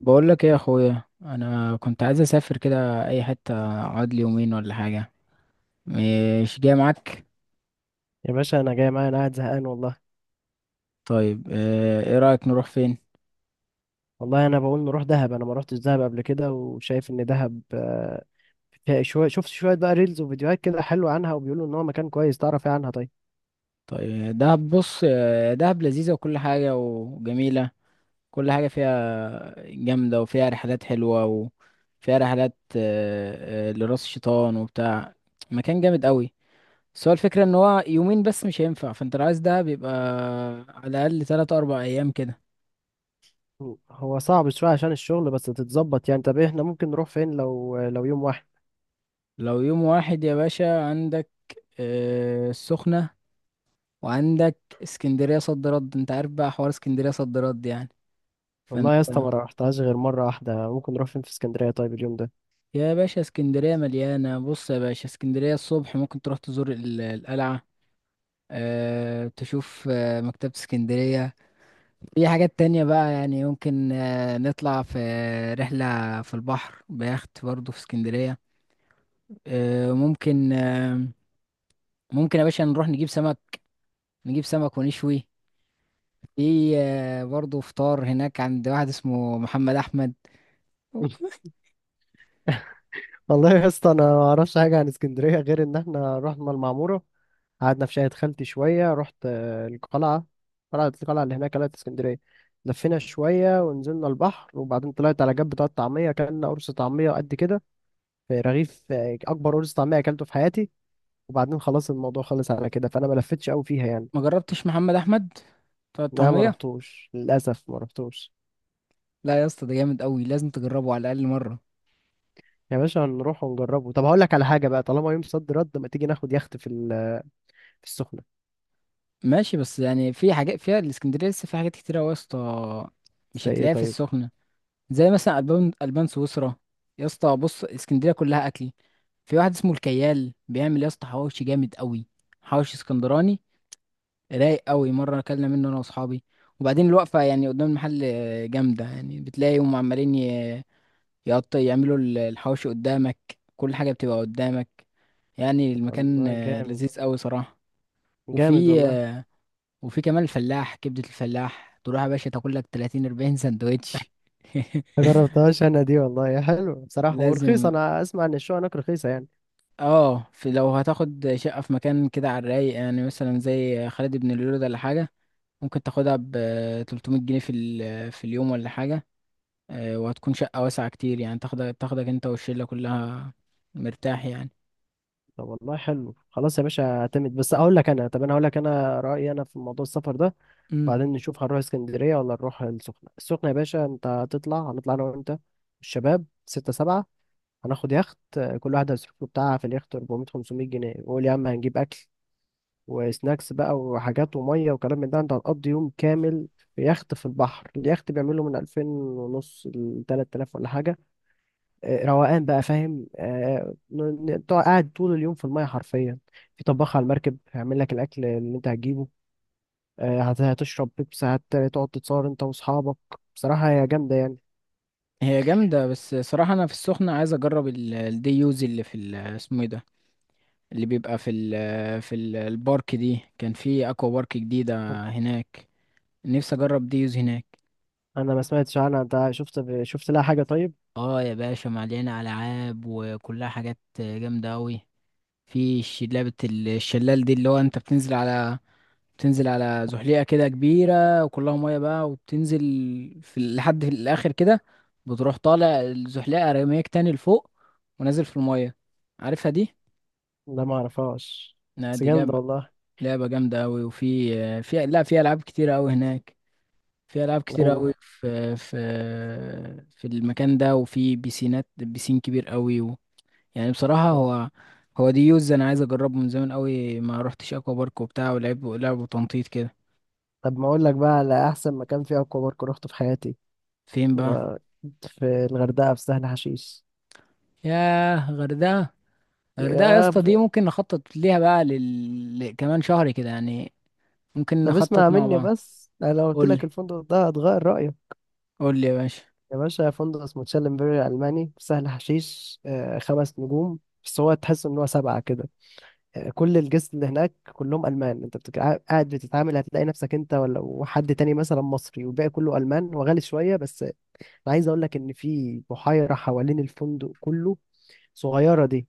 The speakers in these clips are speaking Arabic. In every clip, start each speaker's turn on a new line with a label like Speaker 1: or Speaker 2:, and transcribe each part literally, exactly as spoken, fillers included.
Speaker 1: بقول لك ايه يا اخويا، انا كنت عايز اسافر كده اي حته، اقعد لي يومين ولا حاجه. مش جاي معاك؟
Speaker 2: يا باشا انا جاي، معايا انا قاعد زهقان والله.
Speaker 1: طيب، آه، ايه رايك نروح فين؟
Speaker 2: والله انا بقول نروح دهب، انا ما روحتش دهب قبل كده، وشايف ان دهب آه، فيها شويه، شفت شويه بقى ريلز وفيديوهات كده حلوه عنها، وبيقولوا ان هو مكان كويس. تعرف ايه عنها؟ طيب
Speaker 1: طيب دهب، بص، آه، دهب لذيذه وكل حاجه وجميله. كل حاجه فيها جامده، وفيها رحلات حلوه، وفيها رحلات آه، آه، لراس الشيطان وبتاع. مكان جامد قوي. بس هو الفكره ان هو يومين بس مش هينفع، فانت لو عايز دهب يبقى على الاقل ثلاثة أربعة ايام كده.
Speaker 2: هو صعب شويه عشان الشغل، بس تتظبط يعني. طب إيه، احنا ممكن نروح فين لو لو يوم واحد؟
Speaker 1: لو يوم واحد يا باشا، عندك آه، السخنة، وعندك اسكندرية صد رد. انت عارف بقى حوار اسكندرية صد رد يعني، فانت...
Speaker 2: والله يا اسطى ما رحتهاش غير مره واحده. ممكن نروح فين في اسكندريه طيب اليوم ده؟
Speaker 1: يا باشا، اسكندرية مليانة. بص يا باشا، اسكندرية الصبح ممكن تروح تزور ال- القلعة. أه، تشوف آه، مكتبة اسكندرية. في حاجات تانية بقى يعني، ممكن آه، نطلع في رحلة في البحر بيخت برضه في اسكندرية. أه ممكن، آه، ممكن يا باشا نروح نجيب سمك. نجيب سمك ونشوي. في آه، برضه فطار هناك عند واحد اسمه محمد احمد.
Speaker 2: والله يا اسطى انا ما اعرفش حاجه عن اسكندريه غير ان احنا رحنا المعموره، قعدنا في شاهد خالتي شوية، رحت آه، القلعة، قلعة القلعة اللي هناك قلعة اسكندرية، لفينا شوية ونزلنا البحر، وبعدين طلعت على جنب بتاع الطعمية، أكلنا قرص طعمية قد كده، في رغيف، آه، أكبر قرص طعمية أكلته في حياتي. وبعدين خلاص الموضوع خلص على كده، فأنا ما لفتش أوي فيها يعني.
Speaker 1: ما جربتش محمد احمد بتاع
Speaker 2: لا، ما
Speaker 1: الطعميه؟
Speaker 2: رحتوش للأسف، ما رحتوش.
Speaker 1: لا يا اسطى، ده جامد قوي، لازم تجربه على الاقل مره.
Speaker 2: يا باشا هنروح ونجربه. طب هقول لك على حاجة بقى، طالما يوم صد رد، ما تيجي ناخد يخت في ال- في السخنة.
Speaker 1: ماشي، بس يعني في حاجات فيها الاسكندريه لسه، في حاجات كتيره أوي يا اسطى. مش
Speaker 2: زي إيه
Speaker 1: هتلاقيها في
Speaker 2: طيب؟
Speaker 1: السخنه. زي مثلا البان البان سويسرا. يا اسطى بص، اسكندريه كلها اكل. في واحد اسمه الكيال بيعمل يا اسطى حواوشي جامد قوي. حواوشي اسكندراني، رايق قوي، مره اكلنا منه انا واصحابي. وبعدين الوقفه يعني قدام المحل آه، جامده يعني، بتلاقيهم عمالين ي- يقط يعملوا ال- الحواوشي قدامك. كل حاجه بتبقى قدامك. يعني المكان
Speaker 2: والله
Speaker 1: آه،
Speaker 2: جامد،
Speaker 1: لذيذ قوي صراحه.
Speaker 2: جامد
Speaker 1: وفي
Speaker 2: والله.
Speaker 1: آه، وفي كمان الفلاح، كبده الفلاح، تروح يا باشا تاكل لك ثلاثين أربعين سندوتش.
Speaker 2: ما جربتهاش انا دي والله يا حلو، بصراحة ورخيصة،
Speaker 1: لازم.
Speaker 2: انا اسمع ان الشقة هناك رخيصة يعني.
Speaker 1: اه، في لو هتاخد شقه في مكان كده على الرايق يعني، مثلا زي خالد بن الوليد ولا حاجه، ممكن تاخدها ب ثلاثمية جنيه في ال- في اليوم ولا حاجه. آه، وهتكون شقة واسعة كتير يعني، تاخدك تاخدك انت والشلة كلها، مرتاح يعني.
Speaker 2: طب والله حلو، خلاص يا باشا اعتمد. بس اقول لك انا، طب انا هقول لك انا رأيي انا في موضوع السفر ده،
Speaker 1: امم.
Speaker 2: بعدين نشوف هنروح اسكندرية ولا نروح السخنة. السخنة يا باشا انت هتطلع، هنطلع انا وانت الشباب ستة سبعة، هناخد يخت، آه، كل واحد هيصرف له بتاعها في اليخت اربعمية خمسمية جنيه، وقول يا عم هنجيب اكل وسناكس بقى وحاجات وميه وكلام من ده، انت هتقضي يوم كامل في يخت في البحر. اليخت بيعمله من ألفين ونص ل تلات تلاف ولا حاجه. آه، روقان بقى، فاهم؟ آه، ن- ن- تقعد- قاعد طول اليوم في المية حرفيا، في طباخ على المركب هيعمل لك الأكل اللي أنت هتجيبه، آه، هت- هتشرب بيبسي، هت- هتقعد تتصور أنت وأصحابك. بصراحة هي جامدة يعني.
Speaker 1: هي جامدة، بس صراحة انا في السخنة عايز اجرب ال- الدي يوز اللي في ال- اسمه ايه ده، اللي بيبقى في ال في ال- البارك. دي كان في اكوا بارك جديدة هناك، نفسي اجرب دي يوز هناك.
Speaker 2: أنا ما سمعتش عنها، أنت شفت شفت لها حاجة طيب؟
Speaker 1: اه يا باشا، مليانة ألعاب وكلها حاجات جامدة أوي. في ش- لعبة الشلال دي، اللي هو انت بتنزل على، بتنزل على زحليقة كده كبيرة وكلها مية بقى، وبتنزل في ال- لحد في الآخر كده. بتروح طالع الزحليقة رميك تاني لفوق، ونازل في المية. عارفها دي؟
Speaker 2: لا، ما أعرفهاش،
Speaker 1: لا
Speaker 2: بس
Speaker 1: دي
Speaker 2: جامدة
Speaker 1: لعبة.
Speaker 2: والله.
Speaker 1: لعبة جامدة أوي، وفي في لا في ألعاب كتيرة أوي هناك. في ألعاب كتيرة
Speaker 2: لو
Speaker 1: أوي، في في في المكان ده، وفي بيسينات، بيسين كبير أوي. يعني بصراحة هو هو دي يوز انا عايز اجربه من زمان قوي، ما روحتش اكوا بارك وبتاع ولعب لعب تنطيط كده.
Speaker 2: طب ما أقول لك بقى على أحسن مكان فيه أكوا بارك روحته في حياتي.
Speaker 1: فين بقى؟
Speaker 2: و- في الغردقة، في سهل حشيش.
Speaker 1: ياه، غردقة! غردقة يا
Speaker 2: يا
Speaker 1: اسطى، دي
Speaker 2: ب-،
Speaker 1: ممكن نخطط ليها بقى لل... ل- كمان شهر كده يعني، ممكن
Speaker 2: طب اسمع
Speaker 1: نخطط مع
Speaker 2: مني
Speaker 1: بعض.
Speaker 2: بس، أنا لو قلت
Speaker 1: قول
Speaker 2: لك
Speaker 1: لي
Speaker 2: الفندق ده هتغير رأيك.
Speaker 1: قول لي يا باشا.
Speaker 2: يا باشا فندق اسمه تشيلنبري ألماني في سهل حشيش، آه، خمس نجوم، بس هو تحس إن هو سبعة كده يعني. كل الجست اللي هناك كلهم ألمان، أنت بتك قاعد بتتعامل هتلاقي نفسك أنت ولا وحد تاني مثلا مصري والباقي كله ألمان، وغالي شوية، بس أنا عايز أقول لك إن في بحيرة حوالين الفندق كله، صغيرة دي،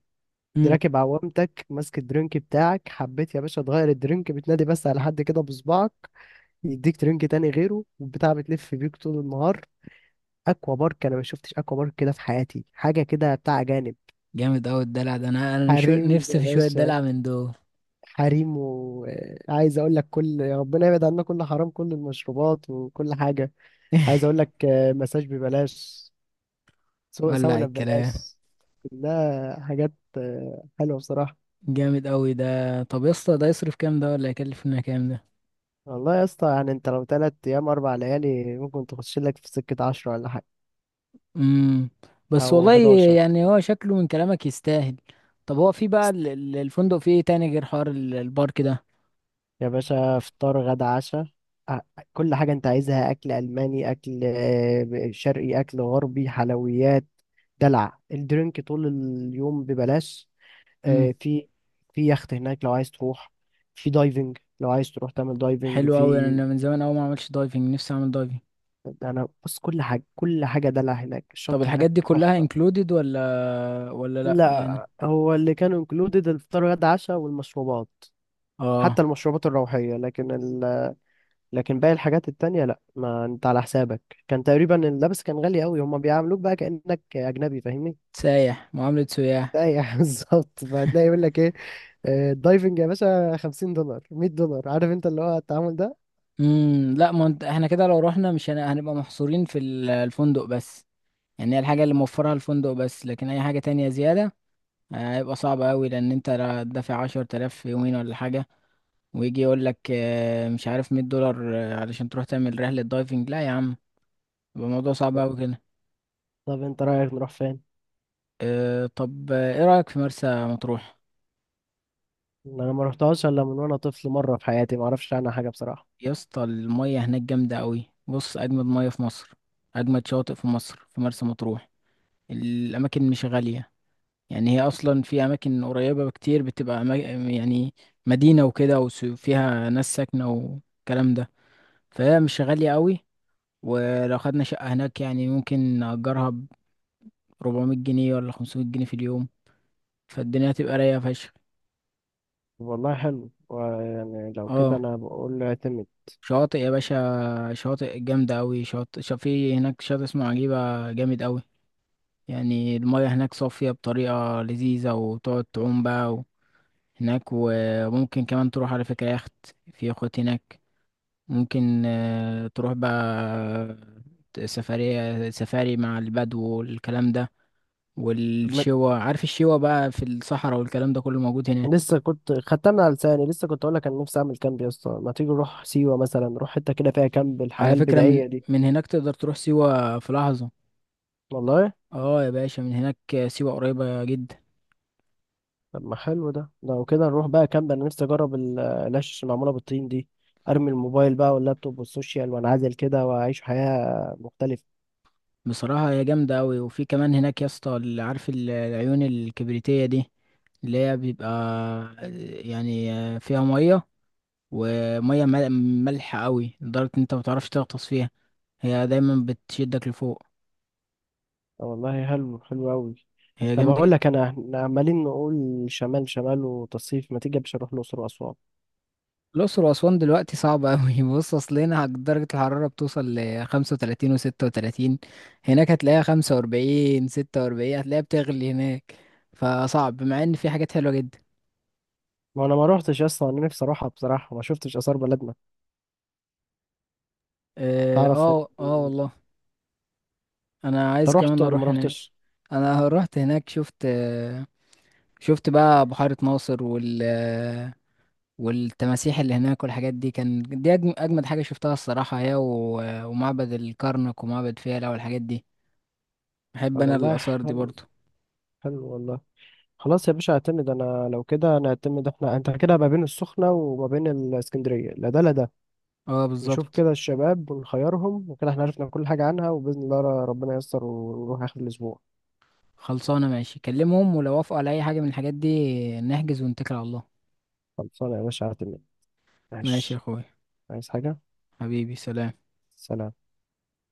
Speaker 2: دي
Speaker 1: امم.
Speaker 2: راكب عوامتك، ماسك الدرينك بتاعك، حبيت يا باشا تغير الدرينك بتنادي بس على حد كده بصبعك، يديك درينك تاني غيره، والبتاع بتلف بيك طول النهار. اكوا بارك، انا ما شفتش اكوا بارك كده في حياتي، حاجه كده بتاع اجانب.
Speaker 1: جامد قوي الدلع ده، انا انا شو...
Speaker 2: حريم يا
Speaker 1: نفسي في شوية
Speaker 2: باشا،
Speaker 1: دلع من دول.
Speaker 2: حريم، وعايز اقول لك كل، يا ربنا يبعد عنا كل حرام، كل المشروبات وكل حاجه. عايز اقول لك، آه، مساج ببلاش، سو-
Speaker 1: ولع
Speaker 2: ساونا
Speaker 1: الكلام.
Speaker 2: ببلاش، كلها حاجات آه، حلوه بصراحه.
Speaker 1: جامد قوي ده. طب يا اسطى، ده يصرف كام ده ولا يكلفنا كام ده؟
Speaker 2: والله يا اسطى يعني انت لو تلات ايام اربع ليالي، ممكن تخش لك في سكه عشرة ولا حاجه،
Speaker 1: امم. بس
Speaker 2: او
Speaker 1: والله،
Speaker 2: احد عشر.
Speaker 1: يعني هو شكله من كلامك يستاهل. طب هو في بقى ال- ال- الفندق فيه ايه تاني غير حوار ال- البارك ده؟
Speaker 2: يا باشا فطار غدا عشاء، أ- كل حاجة انت عايزها، اكل الماني، اكل آه، شرقي، اكل غربي، حلويات، دلع، الدرينك طول اليوم ببلاش.
Speaker 1: امم.
Speaker 2: آه، في في يخت هناك لو عايز تروح، في دايفنج لو عايز تروح تعمل دايفنج
Speaker 1: حلو قوي،
Speaker 2: في.
Speaker 1: انا من زمان قوي ما عملتش دايفنج، نفسي اعمل دايفنج.
Speaker 2: انا بص كل حاجة كل حاجة دلع هناك،
Speaker 1: طب
Speaker 2: الشط هناك
Speaker 1: الحاجات دي كلها
Speaker 2: تحفة.
Speaker 1: انكلودد ولا ولا لا يعني؟
Speaker 2: لا، هو اللي كانوا انكلودed الفطار غدا عشاء والمشروبات،
Speaker 1: اه.
Speaker 2: حتى المشروبات الروحية، لكن لكن باقي الحاجات التانية لا، ما انت على حسابك. كان تقريبا اللبس كان غالي قوي، هما بيعاملوك بقى كأنك اجنبي، فاهمني.
Speaker 1: سايح، معاملة سياح.
Speaker 2: ايوه بالظبط. فهتلاقي يقول لك ايه، آه، الدايفنج يا باشا خمسين دولار مية دولار، عارف انت اللي هو التعامل ده.
Speaker 1: امم، لا، ما انت- احنا كده لو رحنا مش هن- هنبقى محصورين في ال- الفندق بس. يعني هي الحاجة اللي موفرها الفندق بس، لكن اي حاجة تانية زيادة آه، هيبقى صعب قوي. لان انت لا- دافع عشرة آلاف في يومين ولا حاجة، ويجي يقول لك آه، مش عارف، مية دولار آه، علشان تروح تعمل رحلة دايفنج، لا يا عم. يبقى الموضوع صعب
Speaker 2: ط-
Speaker 1: أوي كده.
Speaker 2: طب انت رايك نروح فين؟
Speaker 1: آه، طب آه، ايه رأيك في مرسى مطروح؟
Speaker 2: انا ما رحتهاش الا من وانا طفل مره في حياتي، ما اعرفش عنها حاجه بصراحه.
Speaker 1: يا اسطى، المية هناك جامدة أوي، بص أجمد مية في مصر. أجمد شواطئ في مصر في مرسى مطروح. الأماكن مش غالية، يعني هي أصلا في أماكن قريبة بكتير بتبقى أما- يعني مدينة وكده وفيها ناس ساكنة والكلام ده، فهي مش غالية أوي. ولو خدنا شقة هناك يعني ممكن نأجرها أربعمية جنيه ولا خمسمية جنيه في اليوم، فالدنيا هتبقى رايقة فشخ.
Speaker 2: طب والله حلو، ويعني لو كده
Speaker 1: اه.
Speaker 2: انا بقول له اعتمد.
Speaker 1: شواطئ يا باشا، شواطئ جامدة أوي، شاطئ شا- في هناك شاطئ اسمه عجيبة جامد أوي. يعني المياه هناك صافية بطريقة لذيذة، وتقعد تعوم بقى و- هناك. وممكن كمان تروح على فكرة يخت، في يخوت هناك. ممكن آه، تروح بقى سفرية، سفاري مع البدو والكلام ده،
Speaker 2: م-
Speaker 1: والشوا، عارف الشوا بقى في الصحراء والكلام ده كله موجود هناك.
Speaker 2: لسه كنت خدتها من على لساني، لسه كنت اقول لك انا نفسي اعمل كامب يا اسطى. ما تيجي نروح سيوه مثلا، نروح حته كده فيها كامب الحياه
Speaker 1: على فكرة من
Speaker 2: البدائيه دي.
Speaker 1: من هناك تقدر تروح سيوة في لحظة.
Speaker 2: والله
Speaker 1: اه يا باشا، من هناك سيوة قريبة جدا.
Speaker 2: طب ما حلو ده، لو كده نروح بقى كامب، انا نفسي اجرب ال- العش اللي معموله بالطين دي، ارمي الموبايل بقى واللابتوب والسوشيال وانعزل كده واعيش حياه مختلفه.
Speaker 1: بصراحة هي جامدة أوي. وفي كمان هناك يا اسطى، اللي عارف ال- العيون الكبريتية دي، اللي هي بيبقى، يعني فيها مية، ومية مل- مالحة أوي لدرجة إن أنت متعرفش تغطس فيها، هي دايما بتشدك لفوق.
Speaker 2: طب والله حلو، حلو قوي.
Speaker 1: هي
Speaker 2: طب
Speaker 1: جامدة
Speaker 2: هقول
Speaker 1: جدا.
Speaker 2: لك انا، احنا عمالين نقول شمال شمال وتصيف، ما تيجي مش هنروح الاقصر واسوان؟
Speaker 1: الأقصر وأسوان دلوقتي صعبة أوي. بص، أصل هنا درجة الحرارة بتوصل لخمسة وتلاتين وستة وتلاتين، هناك هتلاقيها خمسة وأربعين ستة وأربعين، هتلاقيها بتغلي هناك. فصعب، مع إن في حاجات حلوة جدا.
Speaker 2: ما انا ما روحتش اصلا، انا نفسي اروحها بصراحه، ما شفتش اثار بلدنا.
Speaker 1: اه،
Speaker 2: تعرف انت،
Speaker 1: اه، آه والله. أنا عايز
Speaker 2: رحت
Speaker 1: كمان
Speaker 2: وانا ما
Speaker 1: أروح هناك.
Speaker 2: روحتش.
Speaker 1: أنا رحت هناك، شفت آه، شفت بقى بحيرة ناصر، وال آه، والتماسيح اللي هناك والحاجات دي. كان دي أجم- أجمد حاجة شفتها الصراحة، هي و- ومعبد الكرنك ومعبد فيلة والحاجات دي. بحب
Speaker 2: طب
Speaker 1: أنا
Speaker 2: والله
Speaker 1: الآثار دي
Speaker 2: حلو،
Speaker 1: برضه.
Speaker 2: حلو والله. خلاص يا باشا اعتمد، انا لو كده نعتمد احنا انت كده ما بين السخنة وما بين الاسكندرية، لا ده لا ده،
Speaker 1: اه،
Speaker 2: نشوف
Speaker 1: بالظبط.
Speaker 2: كده الشباب ونخيرهم، وكده احنا عرفنا كل حاجة عنها، وبإذن الله ربنا ييسر ونروح آخر الأسبوع.
Speaker 1: خلصانة ماشي، كلمهم، ولو وافقوا على أي حاجة من الحاجات دي نحجز ونتكل على الله.
Speaker 2: خلصانة يا باشا اعتمد.
Speaker 1: ماشي يا
Speaker 2: ماشي،
Speaker 1: أخوي.
Speaker 2: عايز حاجة؟
Speaker 1: حبيبي، سلام.
Speaker 2: سلام.